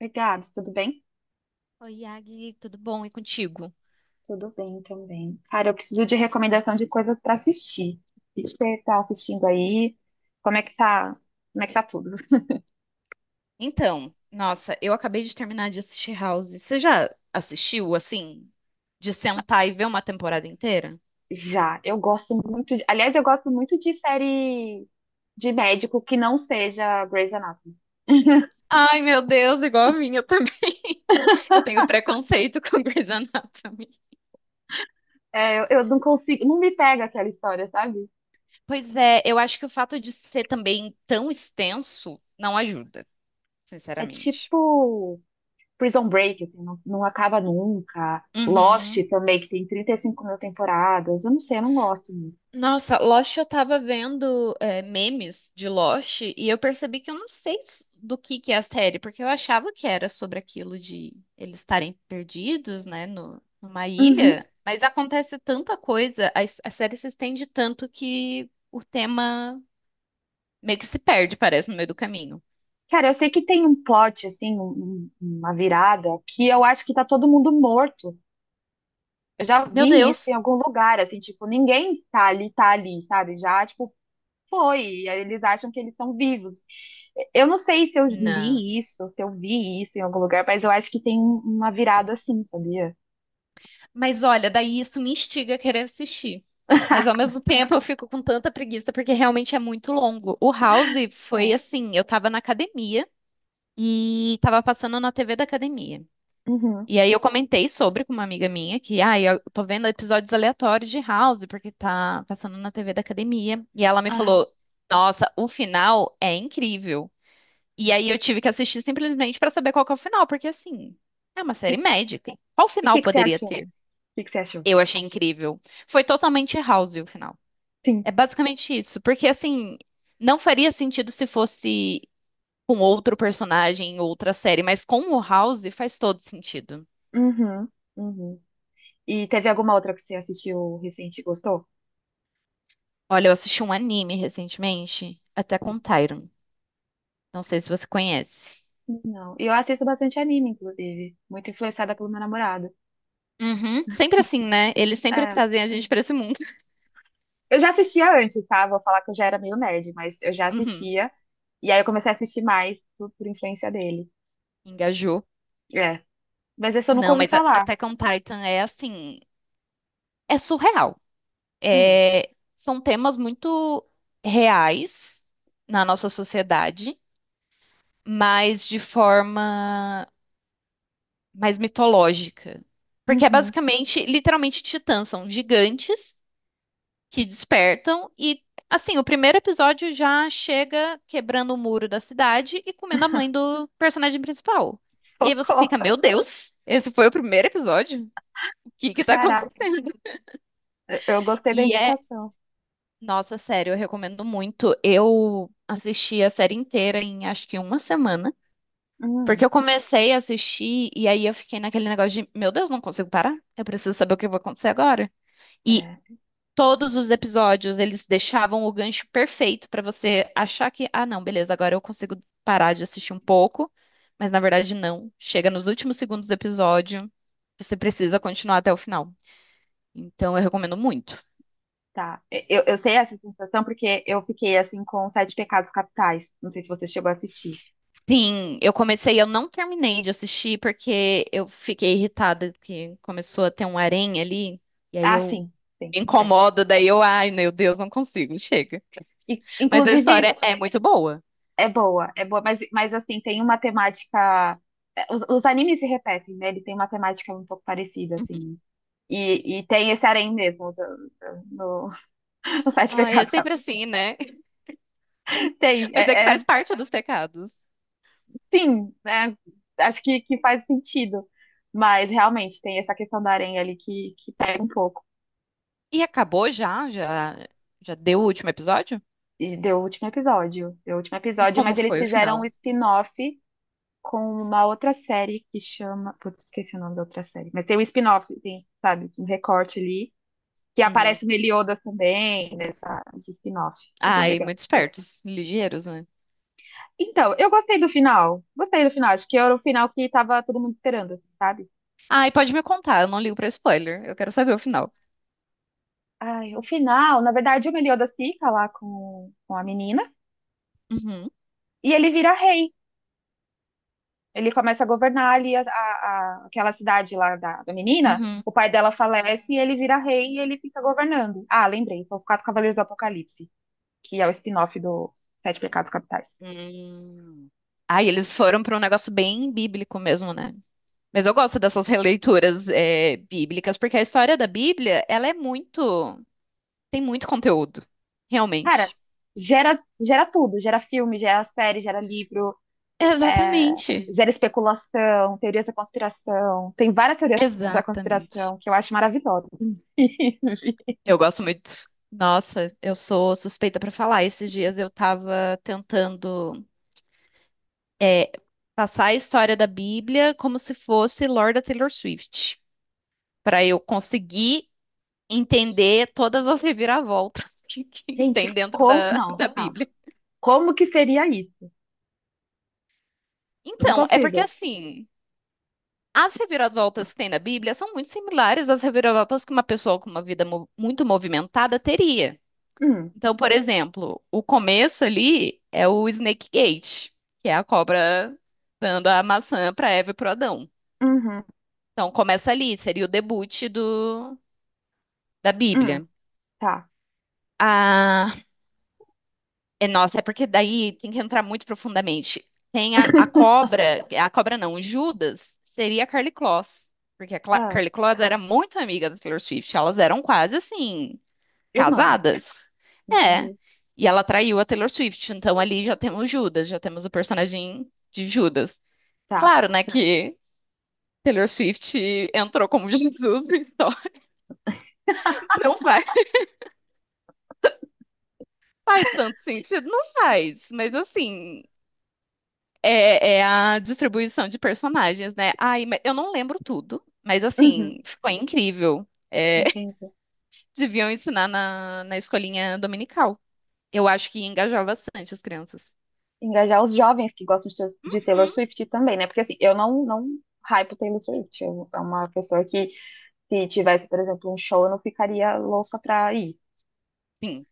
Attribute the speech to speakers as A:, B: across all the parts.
A: Obrigada. Tudo bem?
B: Oi, Yagi, tudo bom? E contigo?
A: Tudo bem também. Cara, eu preciso de recomendação de coisas para assistir. O que você tá assistindo aí? Como é que tá? Como é que tá tudo?
B: Então, nossa, eu acabei de terminar de assistir House. Você já assistiu, assim, de sentar e ver uma temporada inteira?
A: Já, eu gosto muito de... Aliás, eu gosto muito de série de médico que não seja Grey's Anatomy.
B: Ai, meu Deus, igual a minha também. Eu tenho preconceito com Grey's Anatomy.
A: É, eu não consigo, não me pega aquela história, sabe?
B: Pois é, eu acho que o fato de ser também tão extenso não ajuda,
A: É
B: sinceramente.
A: tipo Prison Break, assim, não, não acaba nunca. Lost
B: Uhum.
A: também, que tem 35 mil temporadas. Eu não sei, eu não gosto muito.
B: Nossa, Lost eu tava vendo memes de Lost e eu percebi que eu não sei do que é a série, porque eu achava que era sobre aquilo de eles estarem perdidos, né, no, numa
A: Uhum.
B: ilha, mas acontece tanta coisa, a série se estende tanto que o tema meio que se perde, parece, no meio do caminho.
A: Cara, eu sei que tem um plot, assim, uma virada, que eu acho que tá todo mundo morto. Eu já
B: Meu
A: vi isso em
B: Deus!
A: algum lugar, assim, tipo, ninguém tá ali, sabe? Já, tipo, foi. E aí eles acham que eles estão vivos. Eu não sei se eu
B: Não.
A: li isso, se eu vi isso em algum lugar, mas eu acho que tem uma virada assim, sabia?
B: Mas olha, daí isso me instiga a querer assistir. Mas ao mesmo tempo eu fico com tanta preguiça porque realmente é muito longo. O House foi
A: É.
B: assim, eu tava na academia e tava passando na TV da academia.
A: Uhum.
B: E aí eu comentei sobre com uma amiga minha que, ah, eu tô vendo episódios aleatórios de House porque tá passando na TV da academia. E ela me
A: Aham.
B: falou, nossa, o final é incrível. E aí eu tive que assistir simplesmente pra saber qual que é o final, porque assim, é uma série
A: E
B: médica. Qual
A: o
B: final
A: que que você
B: poderia
A: achou? O
B: ter?
A: que que você achou?
B: Eu achei incrível. Foi totalmente House o final.
A: Sim.
B: É basicamente isso. Porque, assim, não faria sentido se fosse com outro personagem em outra série, mas com o House faz todo sentido.
A: Uhum. Uhum. E teve alguma outra que você assistiu recente e gostou?
B: Olha, eu assisti um anime recentemente, até com Tyron. Não sei se você conhece.
A: Não. E eu assisto bastante anime, inclusive. Muito influenciada pelo meu namorado.
B: Uhum. Sempre assim, né? Eles sempre
A: É.
B: trazem a gente pra esse mundo.
A: Eu já assistia antes, tá? Vou falar que eu já era meio nerd, mas eu já
B: Uhum.
A: assistia. E aí eu comecei a assistir mais por influência dele.
B: Engajou.
A: É. Mas esse eu nunca
B: Não,
A: ouvi
B: mas
A: falar.
B: Attack on Titan é assim. É surreal.
A: Hum.
B: É, são temas muito reais na nossa sociedade, mas de forma mais mitológica. Porque é
A: Uhum.
B: basicamente, literalmente, titãs, são gigantes que despertam e, assim, o primeiro episódio já chega quebrando o muro da cidade e comendo a mãe do personagem principal. E aí você
A: Socorro.
B: fica, meu Deus, esse foi o primeiro episódio? O que que tá
A: Caraca.
B: acontecendo?
A: Eu gostei da
B: E é
A: indicação.
B: Nossa, sério, eu recomendo muito. Eu assisti a série inteira em acho que uma semana, porque
A: Hum.
B: eu comecei a assistir e aí eu fiquei naquele negócio de, meu Deus, não consigo parar. Eu preciso saber o que vai acontecer agora. E
A: É.
B: todos os episódios eles deixavam o gancho perfeito pra você achar que, ah, não, beleza, agora eu consigo parar de assistir um pouco, mas na verdade não. Chega nos últimos segundos do episódio, você precisa continuar até o final. Então eu recomendo muito.
A: Tá. Eu sei essa sensação porque eu fiquei assim com Sete Pecados Capitais. Não sei se você chegou a assistir.
B: Sim, eu comecei, eu não terminei de assistir porque eu fiquei irritada que começou a ter um harém ali, e aí
A: Ah,
B: eu
A: sim. Sim.
B: me
A: É.
B: incomodo, ai, meu Deus, não consigo, chega.
A: E,
B: Mas a
A: inclusive.
B: história é muito boa.
A: É boa, mas assim, tem uma temática. É, os animes se repetem, né? Ele tem uma temática um pouco parecida,
B: Uhum.
A: assim. E tem esse harém mesmo no no Sete
B: Ai, é
A: Pecados
B: sempre
A: Capitais.
B: assim, né?
A: Tem,
B: Mas é que
A: é, é-
B: faz parte dos pecados.
A: sim, né? Acho que faz sentido. Mas realmente tem essa questão do harém ali que pega um pouco.
B: E acabou já? Já deu o último episódio?
A: E deu o último episódio. Deu o último
B: E
A: episódio, mas
B: como
A: eles
B: foi o final?
A: fizeram um spin-off com uma outra série que chama. Putz, esqueci o nome da outra série. Mas tem um spin-off, tem, sabe? Um recorte ali que
B: Uhum.
A: aparece o Meliodas também, nessa, nesse spin-off. É bem
B: Ai,
A: legal.
B: muito espertos, ligeiros, né?
A: Então, eu gostei do final. Gostei do final. Acho que era o final que tava todo mundo esperando, assim, sabe?
B: Ai, pode me contar, eu não ligo pra spoiler, eu quero saber o final.
A: Ai, o final, na verdade, o Meliodas fica lá com a menina
B: Uhum.
A: e ele vira rei. Ele começa a governar ali aquela cidade lá da, da menina.
B: Uhum.
A: O pai dela falece e ele vira rei e ele fica governando. Ah, lembrei, são os Quatro Cavaleiros do Apocalipse, que é o spin-off do Sete Pecados Capitais.
B: Hum. Ah, e eles foram para um negócio bem bíblico mesmo, né? Mas eu gosto dessas releituras bíblicas, porque a história da Bíblia, ela é muito, tem muito conteúdo,
A: Cara,
B: realmente.
A: gera, gera tudo, gera filme, gera série, gera livro, é,
B: Exatamente.
A: gera especulação, teorias da conspiração. Tem várias teorias da
B: Exatamente.
A: conspiração que eu acho maravilhosa. Hum.
B: Eu gosto muito. Nossa, eu sou suspeita para falar. Esses dias eu tava tentando é, passar a história da Bíblia como se fosse Lorda Taylor Swift, para eu conseguir entender todas as reviravoltas que tem
A: Gente,
B: dentro
A: como.
B: da,
A: Não,
B: da
A: calma.
B: Bíblia.
A: Como que seria isso? Eu não
B: Então, é porque
A: consigo.
B: assim, as reviravoltas que tem na Bíblia são muito similares às reviravoltas que uma pessoa com uma vida muito movimentada teria.
A: Hum,
B: Então, por exemplo, o começo ali é o Snake Gate, que é a cobra dando a maçã para Eva e para Adão.
A: uhum,
B: Então, começa ali, seria o debut da
A: hum,
B: Bíblia.
A: tá.
B: A É, nossa, é porque daí tem que entrar muito profundamente. Tem a cobra, a cobra não, o Judas seria a Carly Kloss, porque
A: Ah,
B: Carly Kloss era muito amiga da Taylor Swift, elas eram quase assim,
A: irmã,
B: casadas. É,
A: entendi.
B: e ela traiu a Taylor Swift, então ali já temos Judas, já temos o personagem de Judas.
A: Tá.
B: Claro, né, que Taylor Swift entrou como Jesus, então não faz, faz tanto sentido, não faz, mas assim, É, é a distribuição de personagens, né? Ai, mas eu não lembro tudo, mas
A: Uhum,
B: assim, ficou incrível.
A: entendi.
B: Deviam ensinar na escolinha dominical. Eu acho que engajava bastante as crianças.
A: Engajar os jovens que gostam de Taylor
B: Uhum.
A: Swift também, né? Porque assim, eu não hypo Taylor Swift. Eu, é uma pessoa que, se tivesse, por exemplo, um show, eu não ficaria louca pra ir.
B: Sim,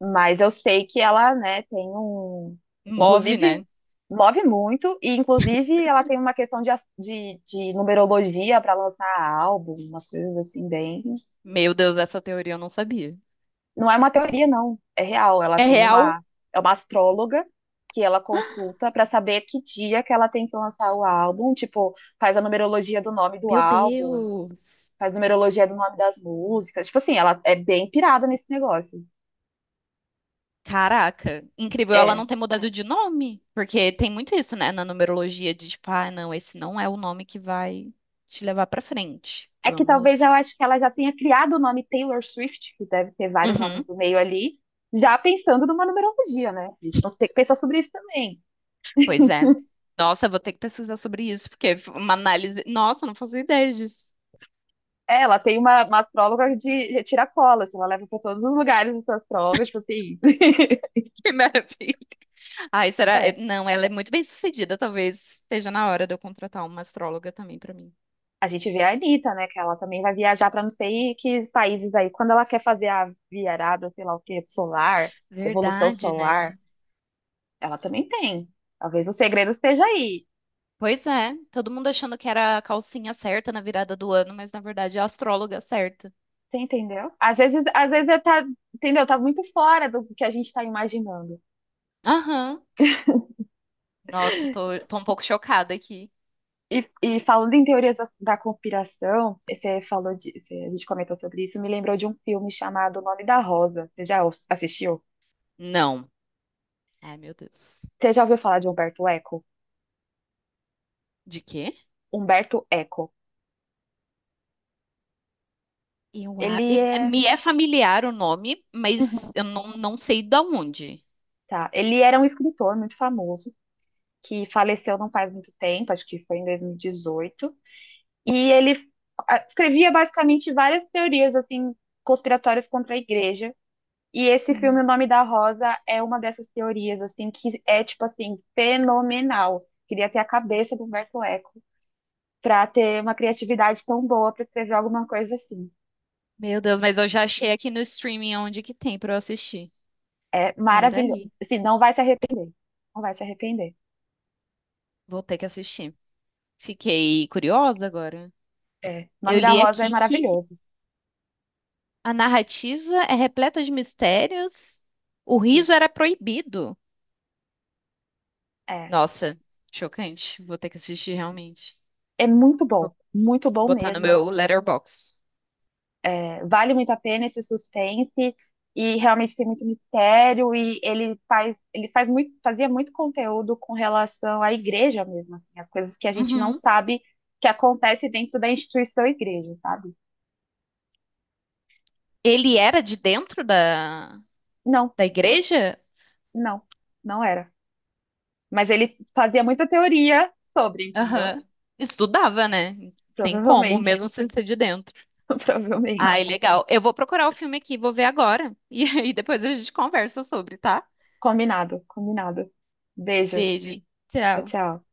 A: Mas eu sei que ela, né, tem um.
B: move,
A: Inclusive,
B: né?
A: move muito, e inclusive ela tem uma questão de numerologia para lançar álbum, umas coisas assim, bem.
B: Meu Deus, essa teoria eu não sabia.
A: Não é uma teoria, não. É real. Ela
B: É
A: tem
B: real?
A: uma, é uma astróloga que ela consulta para saber que dia que ela tem que lançar o álbum. Tipo, faz a numerologia do nome do
B: Meu
A: álbum,
B: Deus!
A: faz numerologia do nome das músicas. Tipo assim, ela é bem pirada nesse negócio.
B: Caraca, incrível ela
A: É.
B: não ter mudado de nome, porque tem muito isso, né, na numerologia de tipo, ah, não, esse não é o nome que vai te levar pra frente.
A: É que talvez eu
B: Vamos.
A: acho que ela já tenha criado o nome Taylor Swift, que deve ter vários nomes
B: Uhum.
A: no meio ali, já pensando numa numerologia, né? A gente não tem que pensar sobre isso também.
B: Pois é. Nossa, eu vou ter que pesquisar sobre isso, porque é uma análise. Nossa, não fazia ideia disso.
A: É, ela tem uma astróloga de tirar assim, ela leva para todos os lugares essa astróloga, tipo assim.
B: Que maravilha. Ai, será?
A: É.
B: Não, ela é muito bem sucedida. Talvez esteja na hora de eu contratar uma astróloga também pra mim.
A: A gente vê a Anitta, né? Que ela também vai viajar para não sei que países aí. Quando ela quer fazer a virada, sei lá o que, solar, evolução
B: Verdade,
A: solar,
B: né?
A: ela também tem. Talvez o segredo esteja aí.
B: Pois é. Todo mundo achando que era a calcinha certa na virada do ano, mas na verdade é a astróloga certa.
A: Você entendeu? Às vezes, eu tá, entendeu? Tá muito fora do que a gente tá imaginando.
B: Aham. Nossa, tô um pouco chocada aqui.
A: E falando em teorias da, da conspiração, você falou de, você- a gente comentou sobre isso, me lembrou de um filme chamado O Nome da Rosa. Você já os- assistiu?
B: Não. Ai, meu Deus.
A: Você já ouviu falar de Humberto Eco?
B: De quê?
A: Humberto Eco.
B: Eu,
A: Ele é.
B: me é familiar o nome, mas eu não sei da onde.
A: Tá. Ele era um escritor muito famoso, que faleceu não faz muito tempo, acho que foi em 2018. E dezoito. E ele escrevia basicamente várias teorias assim conspiratórias contra a igreja. E esse filme,
B: Uhum.
A: O Nome da Rosa, é uma dessas teorias assim que é tipo assim fenomenal. Queria ter a cabeça do Humberto Eco para ter uma criatividade tão boa para escrever alguma coisa assim.
B: Meu Deus, mas eu já achei aqui no streaming onde que tem pra eu assistir.
A: É maravilhoso.
B: Peraí,
A: Assim, não vai se arrepender. Não vai se arrepender.
B: vou ter que assistir. Fiquei curiosa agora.
A: É. O
B: Eu
A: Nome da
B: li
A: Rosa é
B: aqui que
A: maravilhoso.
B: a narrativa é repleta de mistérios. O riso
A: Isso.
B: era proibido.
A: É
B: Nossa, chocante. Vou ter que assistir realmente.
A: é muito bom
B: Botar no
A: mesmo.
B: meu Letterboxd.
A: É, vale muito a pena esse suspense e realmente tem muito mistério e ele faz muito, fazia muito conteúdo com relação à igreja mesmo, assim, as coisas que a gente não
B: Uhum.
A: sabe que acontece dentro da instituição igreja, sabe?
B: Ele era de dentro da,
A: Não,
B: da igreja?
A: não, não era. Mas ele fazia muita teoria sobre, entendeu?
B: Aham. Estudava, né? Tem como,
A: Provavelmente,
B: mesmo sem ser de dentro.
A: provavelmente.
B: Ai, legal. Eu vou procurar o filme aqui, vou ver agora. E aí depois a gente conversa sobre, tá?
A: Combinado, combinado. Beijo.
B: Beijo.
A: Tchau,
B: Tchau.
A: tchau.